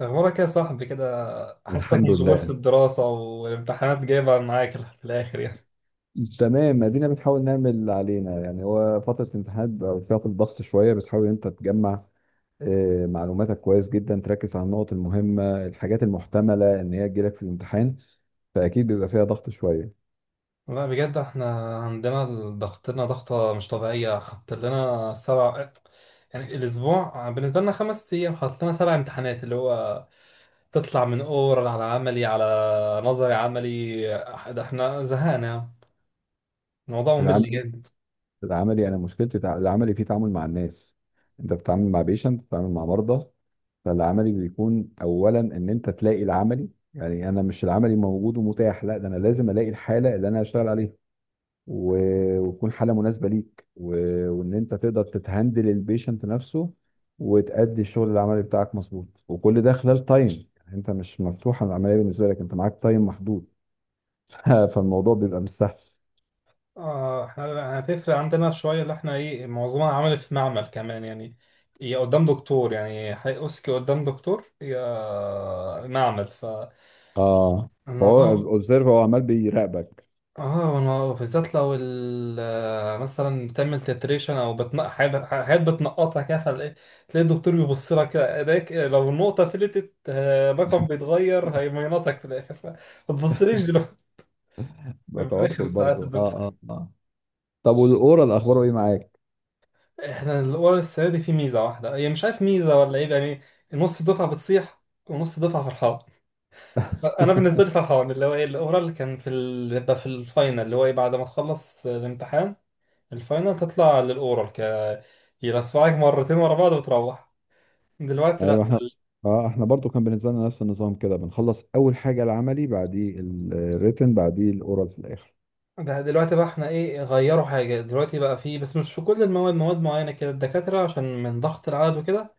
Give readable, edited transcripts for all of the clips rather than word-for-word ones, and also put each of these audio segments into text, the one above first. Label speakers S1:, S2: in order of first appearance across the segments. S1: أخبارك يا صاحبي كده؟ حاسك
S2: الحمد
S1: مشغول في
S2: لله.
S1: الدراسة والامتحانات جايبة معاك في الآخر يعني.
S2: تمام، ادينا بنحاول نعمل اللي علينا، يعني هو فتره امتحانات بقى، فتره ضغط شويه. بتحاول انت تجمع آه، معلوماتك كويس جدا، تركز على النقط المهمه، الحاجات المحتمله ان هي تجيلك في الامتحان، فاكيد بيبقى فيها ضغط شويه.
S1: لا بجد احنا عندنا ضغطنا ضغطة مش طبيعية، حط لنا سبع، يعني الأسبوع بالنسبة لنا خمس أيام حط لنا سبع امتحانات، اللي هو تطلع من أورال على عملي على نظري عملي. ده احنا زهقنا يعني. الموضوع ممل
S2: العملي.
S1: جدا.
S2: العملي انا مشكلتي العملي فيه تعامل مع الناس. انت بتتعامل مع بيشنت، بتتعامل مع مرضى. فالعملي بيكون اولا ان انت تلاقي العملي، يعني انا مش العملي موجود ومتاح، لا، ده انا لازم الاقي الحاله اللي انا هشتغل عليها، و- وتكون حاله مناسبه ليك، و- وان انت تقدر تتهندل البيشنت نفسه، وتأدي الشغل العملي بتاعك مظبوط، وكل ده خلال تايم. يعني انت مش مفتوحه العمليه بالنسبه لك، انت معاك تايم محدود. فالموضوع بيبقى مش سهل.
S1: اه احنا هتفرق عندنا شوية، اللي احنا ايه معظمها عمل في معمل كمان، يعني يا قدام دكتور يعني هيقصك قدام دكتور يا معمل.
S2: اه، فهو
S1: فالموضوع
S2: اوبزرف، هو عمال بيراقبك.
S1: بالذات لو مثلا بتعمل تتريشن او بتنق حاجات، بتنقطها كده، تلاقي الدكتور بيبص لك كده ايديك إيه، لو النقطة فلتت آه، رقم بيتغير هيمينصك في الاخر، فما تبصليش دلوقتي.
S2: ده توتر
S1: رخم ساعات
S2: برضه، اه
S1: الدكتور.
S2: اه اه. طب والاورال اخباره ايه معاك؟
S1: احنا الورق السنة دي فيه ميزة واحدة، هي مش عارف ميزة ولا ايه يعني. نص الدفعة بتصيح ونص الدفعة فرحان. انا بالنسبة لي فرحان، اللي هو ايه الاورال اللي كان في ال... بيبقى في الفاينل، اللي هو ايه بعد ما تخلص الامتحان الفاينل تطلع للاورال، ك يلسعك مرتين ورا بعض وتروح. دلوقتي لا.
S2: ايوه احنا، اه احنا برضو كان بالنسبه لنا نفس النظام كده، بنخلص اول حاجه العملي، بعديه الريتن، بعديه الاورال في الاخر.
S1: ده دلوقتي بقى احنا ايه غيروا حاجة، دلوقتي بقى فيه، بس مش في كل المواد، مواد معينة كده الدكاترة عشان من ضغط العدد وكده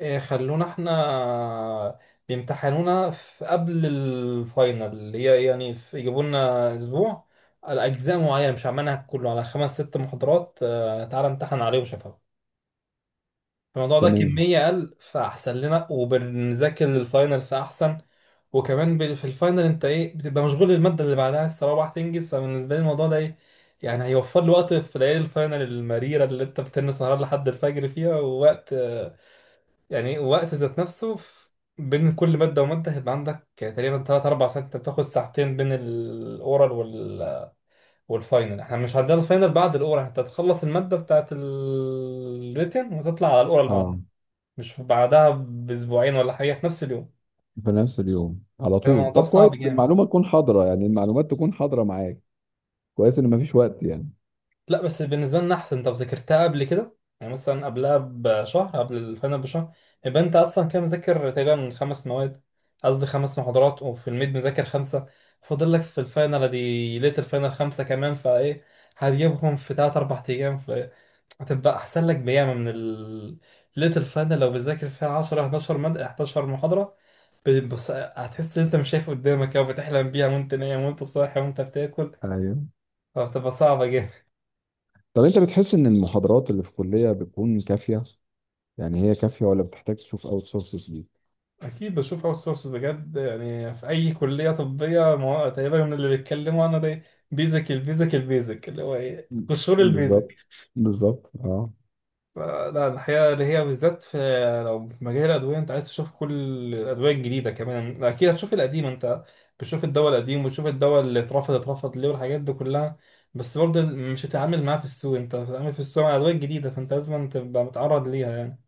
S1: إيه، خلونا احنا بيمتحنونا في قبل الفاينل، اللي هي يعني في يجيبوا لنا اسبوع على اجزاء معينه مش عملها كله، على خمس ست محاضرات آه، تعالى امتحن عليه وشفاء. الموضوع ده
S2: تمام.
S1: كميه قل فاحسن لنا، وبنذاكر للفاينل فاحسن. وكمان في الفاينل انت ايه بتبقى مشغول الماده اللي بعدها عايز تروح تنجز، فبالنسبه لي الموضوع ده ايه يعني هيوفر لي وقت في ليالي الفاينل المريره اللي انت بتنسى سهران لحد الفجر فيها ووقت، يعني وقت ذات نفسه بين كل مادة ومادة هيبقى عندك تقريبا تلات أربع ساعات، أنت بتاخد ساعتين بين الأورال وال... والفاينل. احنا مش هنعدي على الفاينل بعد الأورال، أنت هتخلص المادة بتاعت الريتن وتطلع على الأورال
S2: اه،
S1: بعدها، مش بعدها بأسبوعين ولا حاجة، في نفس اليوم.
S2: في نفس اليوم على طول.
S1: الموضوع
S2: طب
S1: صعب
S2: كويس،
S1: جامد.
S2: المعلومة تكون حاضرة، يعني المعلومات تكون حاضرة معاك. كويس ان مفيش وقت يعني.
S1: لا بس بالنسبة لنا أحسن، أنت ذاكرتها قبل كده، يعني مثلا قبلها بشهر، قبل الفاينل بشهر يبقى أنت أصلا كده مذاكر تقريبا خمس مواد، قصدي خمس محاضرات، وفي الميد مذاكر خمسة، فاضل لك في الفاينل دي ليلة الفاينل خمسة كمان، فإيه هتجيبهم في تلات أربع أيام. فهتبقى أحسن لك بياما من ال... ليلة الفاينل لو بتذاكر فيها 10 11 مادة، 11 محاضرة، بص... هتحس إن أنت مش شايف قدامك أو بتحلم بيها وأنت نايم وأنت صاحي وأنت بتاكل،
S2: ايوه.
S1: فبتبقى صعبة.
S2: طب انت بتحس ان المحاضرات اللي في الكلية بتكون كافية، يعني هي كافية ولا بتحتاج تشوف اوت سورسز ليك؟
S1: اكيد بشوف اوت سورس بجد، يعني في اي كليه طبيه ما هو تقريبا من اللي بيتكلموا عنه ده بيزك، البيزك، اللي هو ايه
S2: م-
S1: قشور البيزك.
S2: بالظبط، بالظبط اه.
S1: لا الحقيقه اللي هي بالذات في، لو في مجال الادويه انت عايز تشوف كل الادويه الجديده، كمان اكيد هتشوف القديم، انت بتشوف الدواء القديم وتشوف الدواء اللي اترفض، ليه والحاجات دي كلها، بس برضه مش هتتعامل معاه في السوق، انت هتتعامل في السوق مع الادويه الجديده، فانت لازم تبقى متعرض ليها يعني.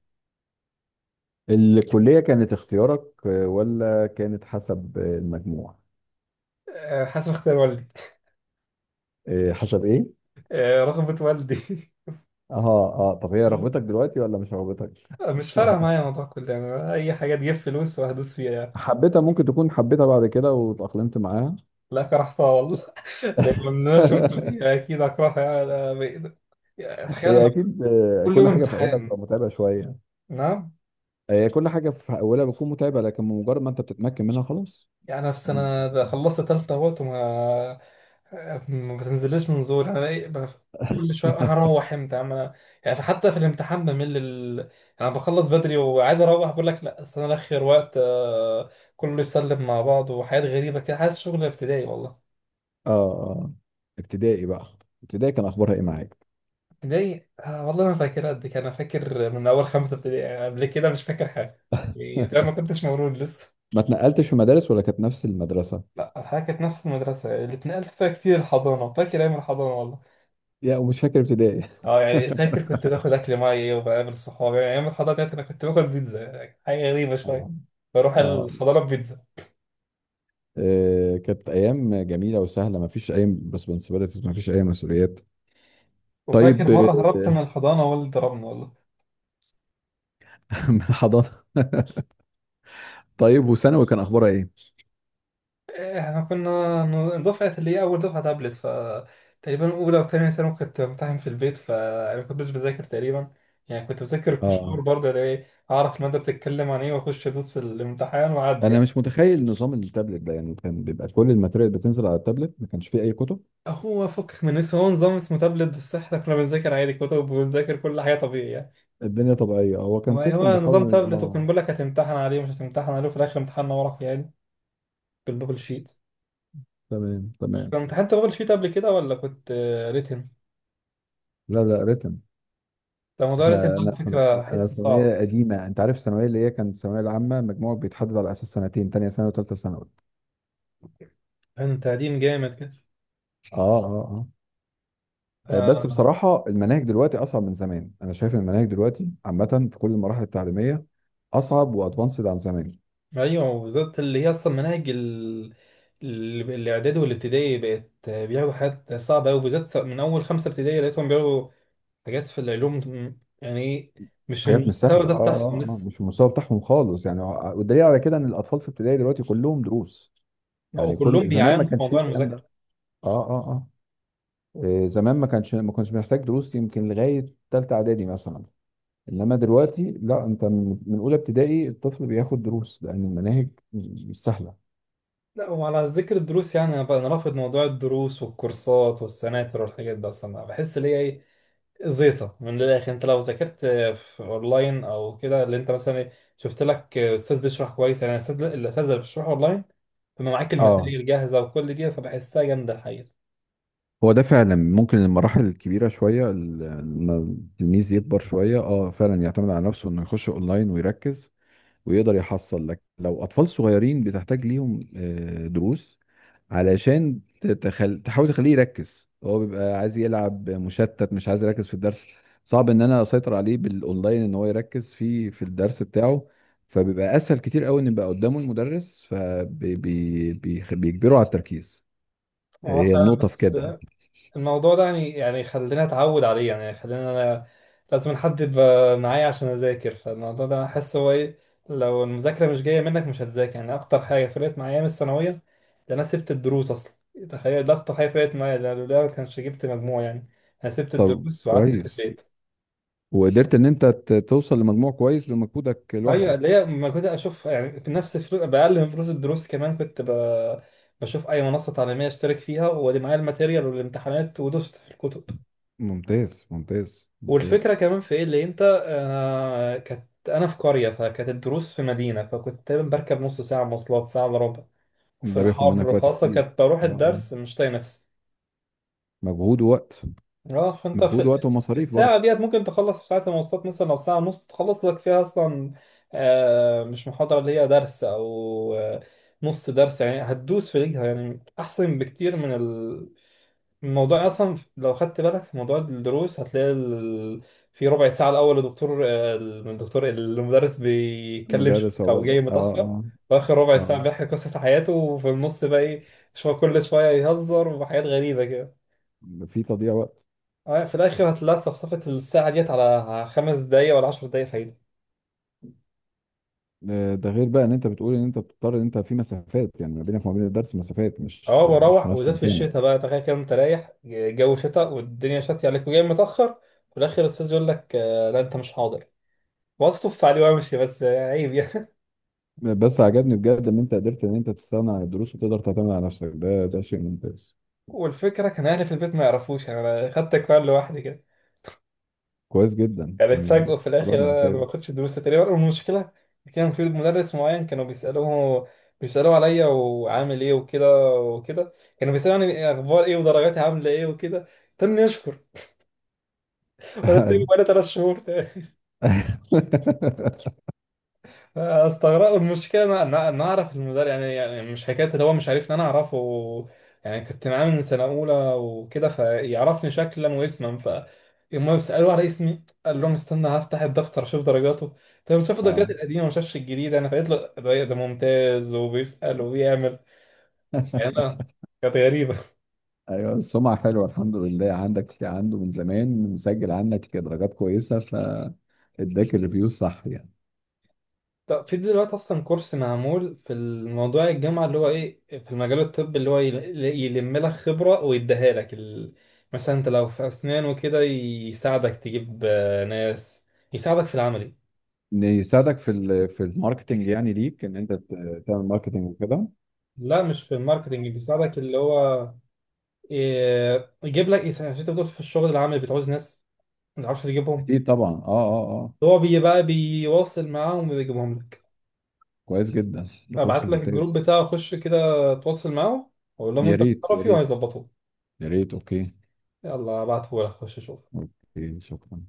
S2: الكلية كانت اختيارك آه، ولا كانت حسب آه، المجموع؟
S1: أه، حسب اختيار والدي.
S2: آه، حسب ايه؟
S1: أه، رغبه والدي.
S2: اه اه، طب هي رغبتك دلوقتي ولا مش رغبتك؟
S1: مش فارقة معايا موضوع كله، يعني أي حاجة تجيب فلوس وهدوس فيها يعني.
S2: حبيتها؟ ممكن تكون حبيتها بعد كده واتأقلمت معاها.
S1: لا كرهتها والله. لأن أنا شفت فيها أكيد أكرهها، يعني يعني تخيل أنا
S2: هي اكيد آه،
S1: كل يوم
S2: كل حاجه في اولها بتبقى
S1: امتحان.
S2: متعبه شويه.
S1: نعم.
S2: هي كل حاجه في اولها بتكون متعبه، لكن بمجرد ما انت بتتمكن منها خلاص.
S1: يعني أنا في سنة ده خلصت تالتة أهوت وما ما بتنزلش من زور، أنا إيه كل شوية
S2: اه
S1: هروح إمتى يا عم أنا، يعني حتى في الامتحان بمل ال... يعني أنا بخلص بدري وعايز أروح بقول لك لا استنى آخر وقت آه، كله يسلم مع بعض وحاجات غريبة كده، حاسس شغل ابتدائي والله.
S2: آه. ابتدائي بقى. ابتدائي كان اخبارها ايه معاك؟
S1: ابتدائي آه والله ما فاكر قد كده، انا فاكر من اول خمسه ابتدائي آه، قبل كده مش فاكر حاجه، يبقى ما كنتش مولود لسه.
S2: ما اتنقلتش في مدارس، ولا كانت نفس المدرسه؟
S1: لا الحاجه كانت نفس المدرسه، اللي اتنقلت فيها كتير الحضانه، فاكر ايام الحضانه والله.
S2: يا ومش فاكر ابتدائي؟
S1: اه يعني فاكر كنت باخد اكل معايا وبقابل صحابي، يعني ايام الحضانه ديت انا كنت باخد بيتزا حاجه غريبه شويه،
S2: اه
S1: بروح
S2: اه،
S1: الحضانه ببيتزا.
S2: آه، كانت ايام جميله وسهله، ما فيش اي ريسبونسبيلتيز، ما فيش اي مسؤوليات.
S1: وفاكر
S2: طيب
S1: مره هربت
S2: آه،
S1: من الحضانه والدي ضربني والله.
S2: حضانه طيب وثانوي كان اخبارها ايه؟
S1: احنا كنا دفعة، اللي هي أول دفعة تابلت، ف تقريبا أولى وتانية ثانوي كنت بمتحن في البيت، فأنا ما كنتش بذاكر تقريبا، يعني كنت بذاكر كشور
S2: اه،
S1: برضه، يعني إيه، أعرف المادة بتتكلم عن إيه وأخش أدوس في الامتحان وأعدي
S2: انا
S1: يعني.
S2: مش متخيل نظام التابلت ده، يعني كان بيبقى كل الماتيريال بتنزل على التابلت، ما كانش فيه اي كتب؟
S1: هو فك من اسمه، هو نظام اسمه تابلت بس إحنا كنا بنذاكر عادي كتب وبنذاكر كل حاجة طبيعي يعني.
S2: الدنيا طبيعيه، هو كان
S1: هو
S2: سيستم
S1: نظام
S2: بيحاول،
S1: تابلت وكان
S2: اه.
S1: بيقول لك هتمتحن عليه مش هتمتحن عليه، في الآخر امتحان ورقي يعني، بالبابل شيت.
S2: تمام تمام.
S1: كنت امتحنت بابل شيت قبل كده ولا كنت آه، ريتن؟
S2: لا لا، ريتم.
S1: ده موضوع ريتن
S2: احنا
S1: ده
S2: انا
S1: على فكرة
S2: انا
S1: حس صعب.
S2: ثانويه قديمه، انت عارف الثانويه اللي هي كانت الثانويه العامه، مجموعه بيتحدد على اساس سنتين، تانية ثانوي وثالثه ثانوي.
S1: انت قديم جامد كده.
S2: اه اه اه، آه، بس
S1: آه.
S2: بصراحه المناهج دلوقتي اصعب من زمان، انا شايف إن المناهج دلوقتي عامه في كل المراحل التعليميه، اصعب وادفانسد عن زمان.
S1: ايوه وبالذات اللي هي اصلا مناهج ال... الاعدادي والابتدائي بقت بياخدوا حاجات صعبه قوي، بالذات من اول خمسه ابتدائي لقيتهم بياخدوا حاجات في العلوم، يعني إيه، مش
S2: حاجات مش
S1: المستوى
S2: سهله، اه
S1: ده بتاعهم
S2: اه اه،
S1: لسه.
S2: مش المستوى بتاعهم خالص يعني، والدليل على كده ان الاطفال في ابتدائي دلوقتي كلهم دروس.
S1: او
S2: يعني
S1: كلهم
S2: كل زمان ما
S1: بيعانوا في
S2: كانش فيه
S1: موضوع
S2: الكلام ده.
S1: المذاكره.
S2: اه اه اه، إيه، زمان ما كانش، ما كنتش محتاج دروس يمكن لغايه ثالثه اعدادي مثلا. انما دلوقتي لا، انت من اولى ابتدائي الطفل بياخد دروس، لان المناهج مش سهله.
S1: لا وعلى ذكر الدروس، يعني أنا رافض موضوع الدروس والكورسات والسناتر والحاجات دي اصلا، بحس اللي هي ايه زيطه من الاخر. انت لو ذاكرت في اونلاين او كده، اللي انت مثلا إيه، شفت لك استاذ بيشرح كويس، يعني الاستاذ اللي بيشرح اونلاين بيبقى معاك
S2: اه،
S1: الماتيريال جاهزه وكل دي، فبحسها جامده الحقيقه.
S2: هو ده فعلا. ممكن المراحل الكبيرة شوية، لما التلميذ يكبر شوية اه فعلا يعتمد على نفسه انه يخش اونلاين ويركز ويقدر يحصل. لك لو اطفال صغيرين بتحتاج ليهم آه، دروس علشان تحاول تخليه يركز. هو بيبقى عايز يلعب، مشتت، مش عايز يركز في الدرس. صعب ان انا اسيطر عليه بالاونلاين ان هو يركز في الدرس بتاعه، فبيبقى اسهل كتير قوي ان يبقى قدامه المدرس فبيجبره على التركيز.
S1: اه
S2: هي
S1: فعلا،
S2: النقطة في
S1: بس
S2: كده.
S1: الموضوع ده يعني، خلينا اتعود عليه يعني، خلينا انا لازم حد يبقى معايا عشان اذاكر، فالموضوع ده احس هو ايه لو المذاكره مش جايه منك مش هتذاكر يعني. اكتر حاجه فرقت معايا من الثانويه ده انا سبت الدروس اصلا، تخيل ده اكتر حاجه فرقت معايا، لو ده لولا ما كانش جبت مجموع يعني. انا سبت
S2: طب
S1: الدروس وقعدت في
S2: كويس،
S1: البيت.
S2: وقدرت ان انت توصل لمجموع كويس بمجهودك
S1: ايوه
S2: لوحدك.
S1: اللي هي ما كنت اشوف يعني في نفس فلوس باقل من فلوس الدروس كمان، كنت ب... بشوف اي منصه تعليميه اشترك فيها وادي معايا الماتيريال والامتحانات ودوست في الكتب.
S2: ممتاز ممتاز
S1: والفكرة
S2: ممتاز.
S1: كمان في ايه اللي انت آه كانت انا في قرية فكانت الدروس في مدينة، فكنت تقريبا بركب نص ساعة مواصلات، ساعة الا ربع، وفي
S2: ده بياخد منك
S1: الحر
S2: وقت
S1: فاصلا
S2: كتير.
S1: كانت بروح
S2: اه آه.
S1: الدرس مش طايق نفسي.
S2: مجهود ووقت.
S1: اه فانت
S2: مجهود
S1: في
S2: ووقت
S1: في
S2: ومصاريف
S1: الساعة
S2: برضه.
S1: ديت ممكن تخلص في ساعة المواصلات مثلا او ساعة ونص تخلص لك فيها اصلا آه مش محاضرة، اللي هي درس او آه نص درس، يعني هتدوس في رجلها، يعني احسن بكتير من ال... الموضوع اصلا لو خدت بالك في موضوع الدروس هتلاقي ال... في ربع ساعه الاول الدكتور آه، الدكتور المدرس بيتكلم شويه
S2: مدرس هو
S1: او جاي
S2: برضه، اه
S1: متاخر،
S2: اه
S1: واخر ربع
S2: اه.
S1: ساعه بيحكي قصه حياته، وفي النص بقى ايه شويه كل شويه يهزر وحاجات غريبه كده،
S2: في تضييع وقت.
S1: آه، في الاخر هتلاقي صفصفه الساعه ديت على خمس دقايق ولا عشر دقايق فايده.
S2: آه، ده غير بقى ان انت بتقول ان انت بتضطر ان انت في مسافات، يعني ما بينك وما بين الدرس مسافات،
S1: اه
S2: مش في
S1: بروح،
S2: نفس
S1: وزاد في الشتاء
S2: مكانك.
S1: بقى، تخيل كده انت رايح جو شتاء والدنيا شتي عليك وجاي متاخر، في الاخر الاستاذ يقول لك آه، لا انت مش حاضر، واصطف عليه وامشي، بس آه، عيب يعني.
S2: بس عجبني بجد ان انت قدرت ان انت تستغنى عن الدروس وتقدر تعتمد على نفسك، ده شيء ممتاز.
S1: والفكرة كان أهلي في البيت ما يعرفوش، يعني أنا خدت أكوان لوحدي كده،
S2: كويس جدا
S1: يعني
S2: يعني.
S1: اتفاجئوا في الآخر
S2: قرار
S1: أنا ما
S2: ممتاز.
S1: باخدش دروس تقريبا. والمشكلة كان في مدرس معين كانوا بيسألوه، عليا وعامل إيه وكده وكده، كانوا بيسألوني أخبار إيه ودرجاتي عاملة إيه وكده، تاني يشكر. وأنا سايبه
S2: أيوة.
S1: بقالي تلات شهور. استغرب المشكله، انا انا أنا اعرف المدرب يعني، يعني مش حكايه اللي هو مش عارف ان انا اعرفه، يعني كنت معاه من سنه اولى وكده فيعرفني شكلا واسما، ف يوم سالوه على اسمي قال لهم استنى هفتح الدفتر اشوف درجاته، طب شاف الدرجات
S2: اه.
S1: القديمه ما شافش الجديده انا، فقلت له ده ممتاز وبيسال وبيعمل، يعني انا، كانت غريبه.
S2: ايوه، السمعه حلوه الحمد لله، عندك عنده من زمان مسجل عنك درجات كويسه، فاداك الريفيو صح يعني.
S1: طب في دلوقتي اصلا كورس معمول في الموضوع الجامعه، اللي هو ايه في المجال الطبي، اللي هو يلم لك خبره ويديها لك ال... مثلا انت لو في اسنان وكده يساعدك تجيب آه، ناس، يساعدك في العملي.
S2: إن يساعدك في الماركتنج، يعني ليك ان انت تعمل ماركتنج وكده.
S1: لا مش في الماركتنج، بيساعدك اللي هو إيه، يجيب لك عشان انت بتقول في الشغل العملي بتعوز ناس ما تعرفش تجيبهم،
S2: اكيد طبعا اه اه اه.
S1: هو بيبقى بيواصل معاهم وبيجيبهم لك.
S2: كويس جدا ده كورس
S1: ابعت لك الجروب
S2: ممتاز.
S1: بتاعه، خش كده تواصل معاه، وقول لهم
S2: يا
S1: انت من
S2: ريت يا
S1: طرفي
S2: ريت
S1: وهيظبطوه.
S2: يا ريت. اوكي.
S1: يلا ابعته لك، خش شوف.
S2: اوكي شكرا.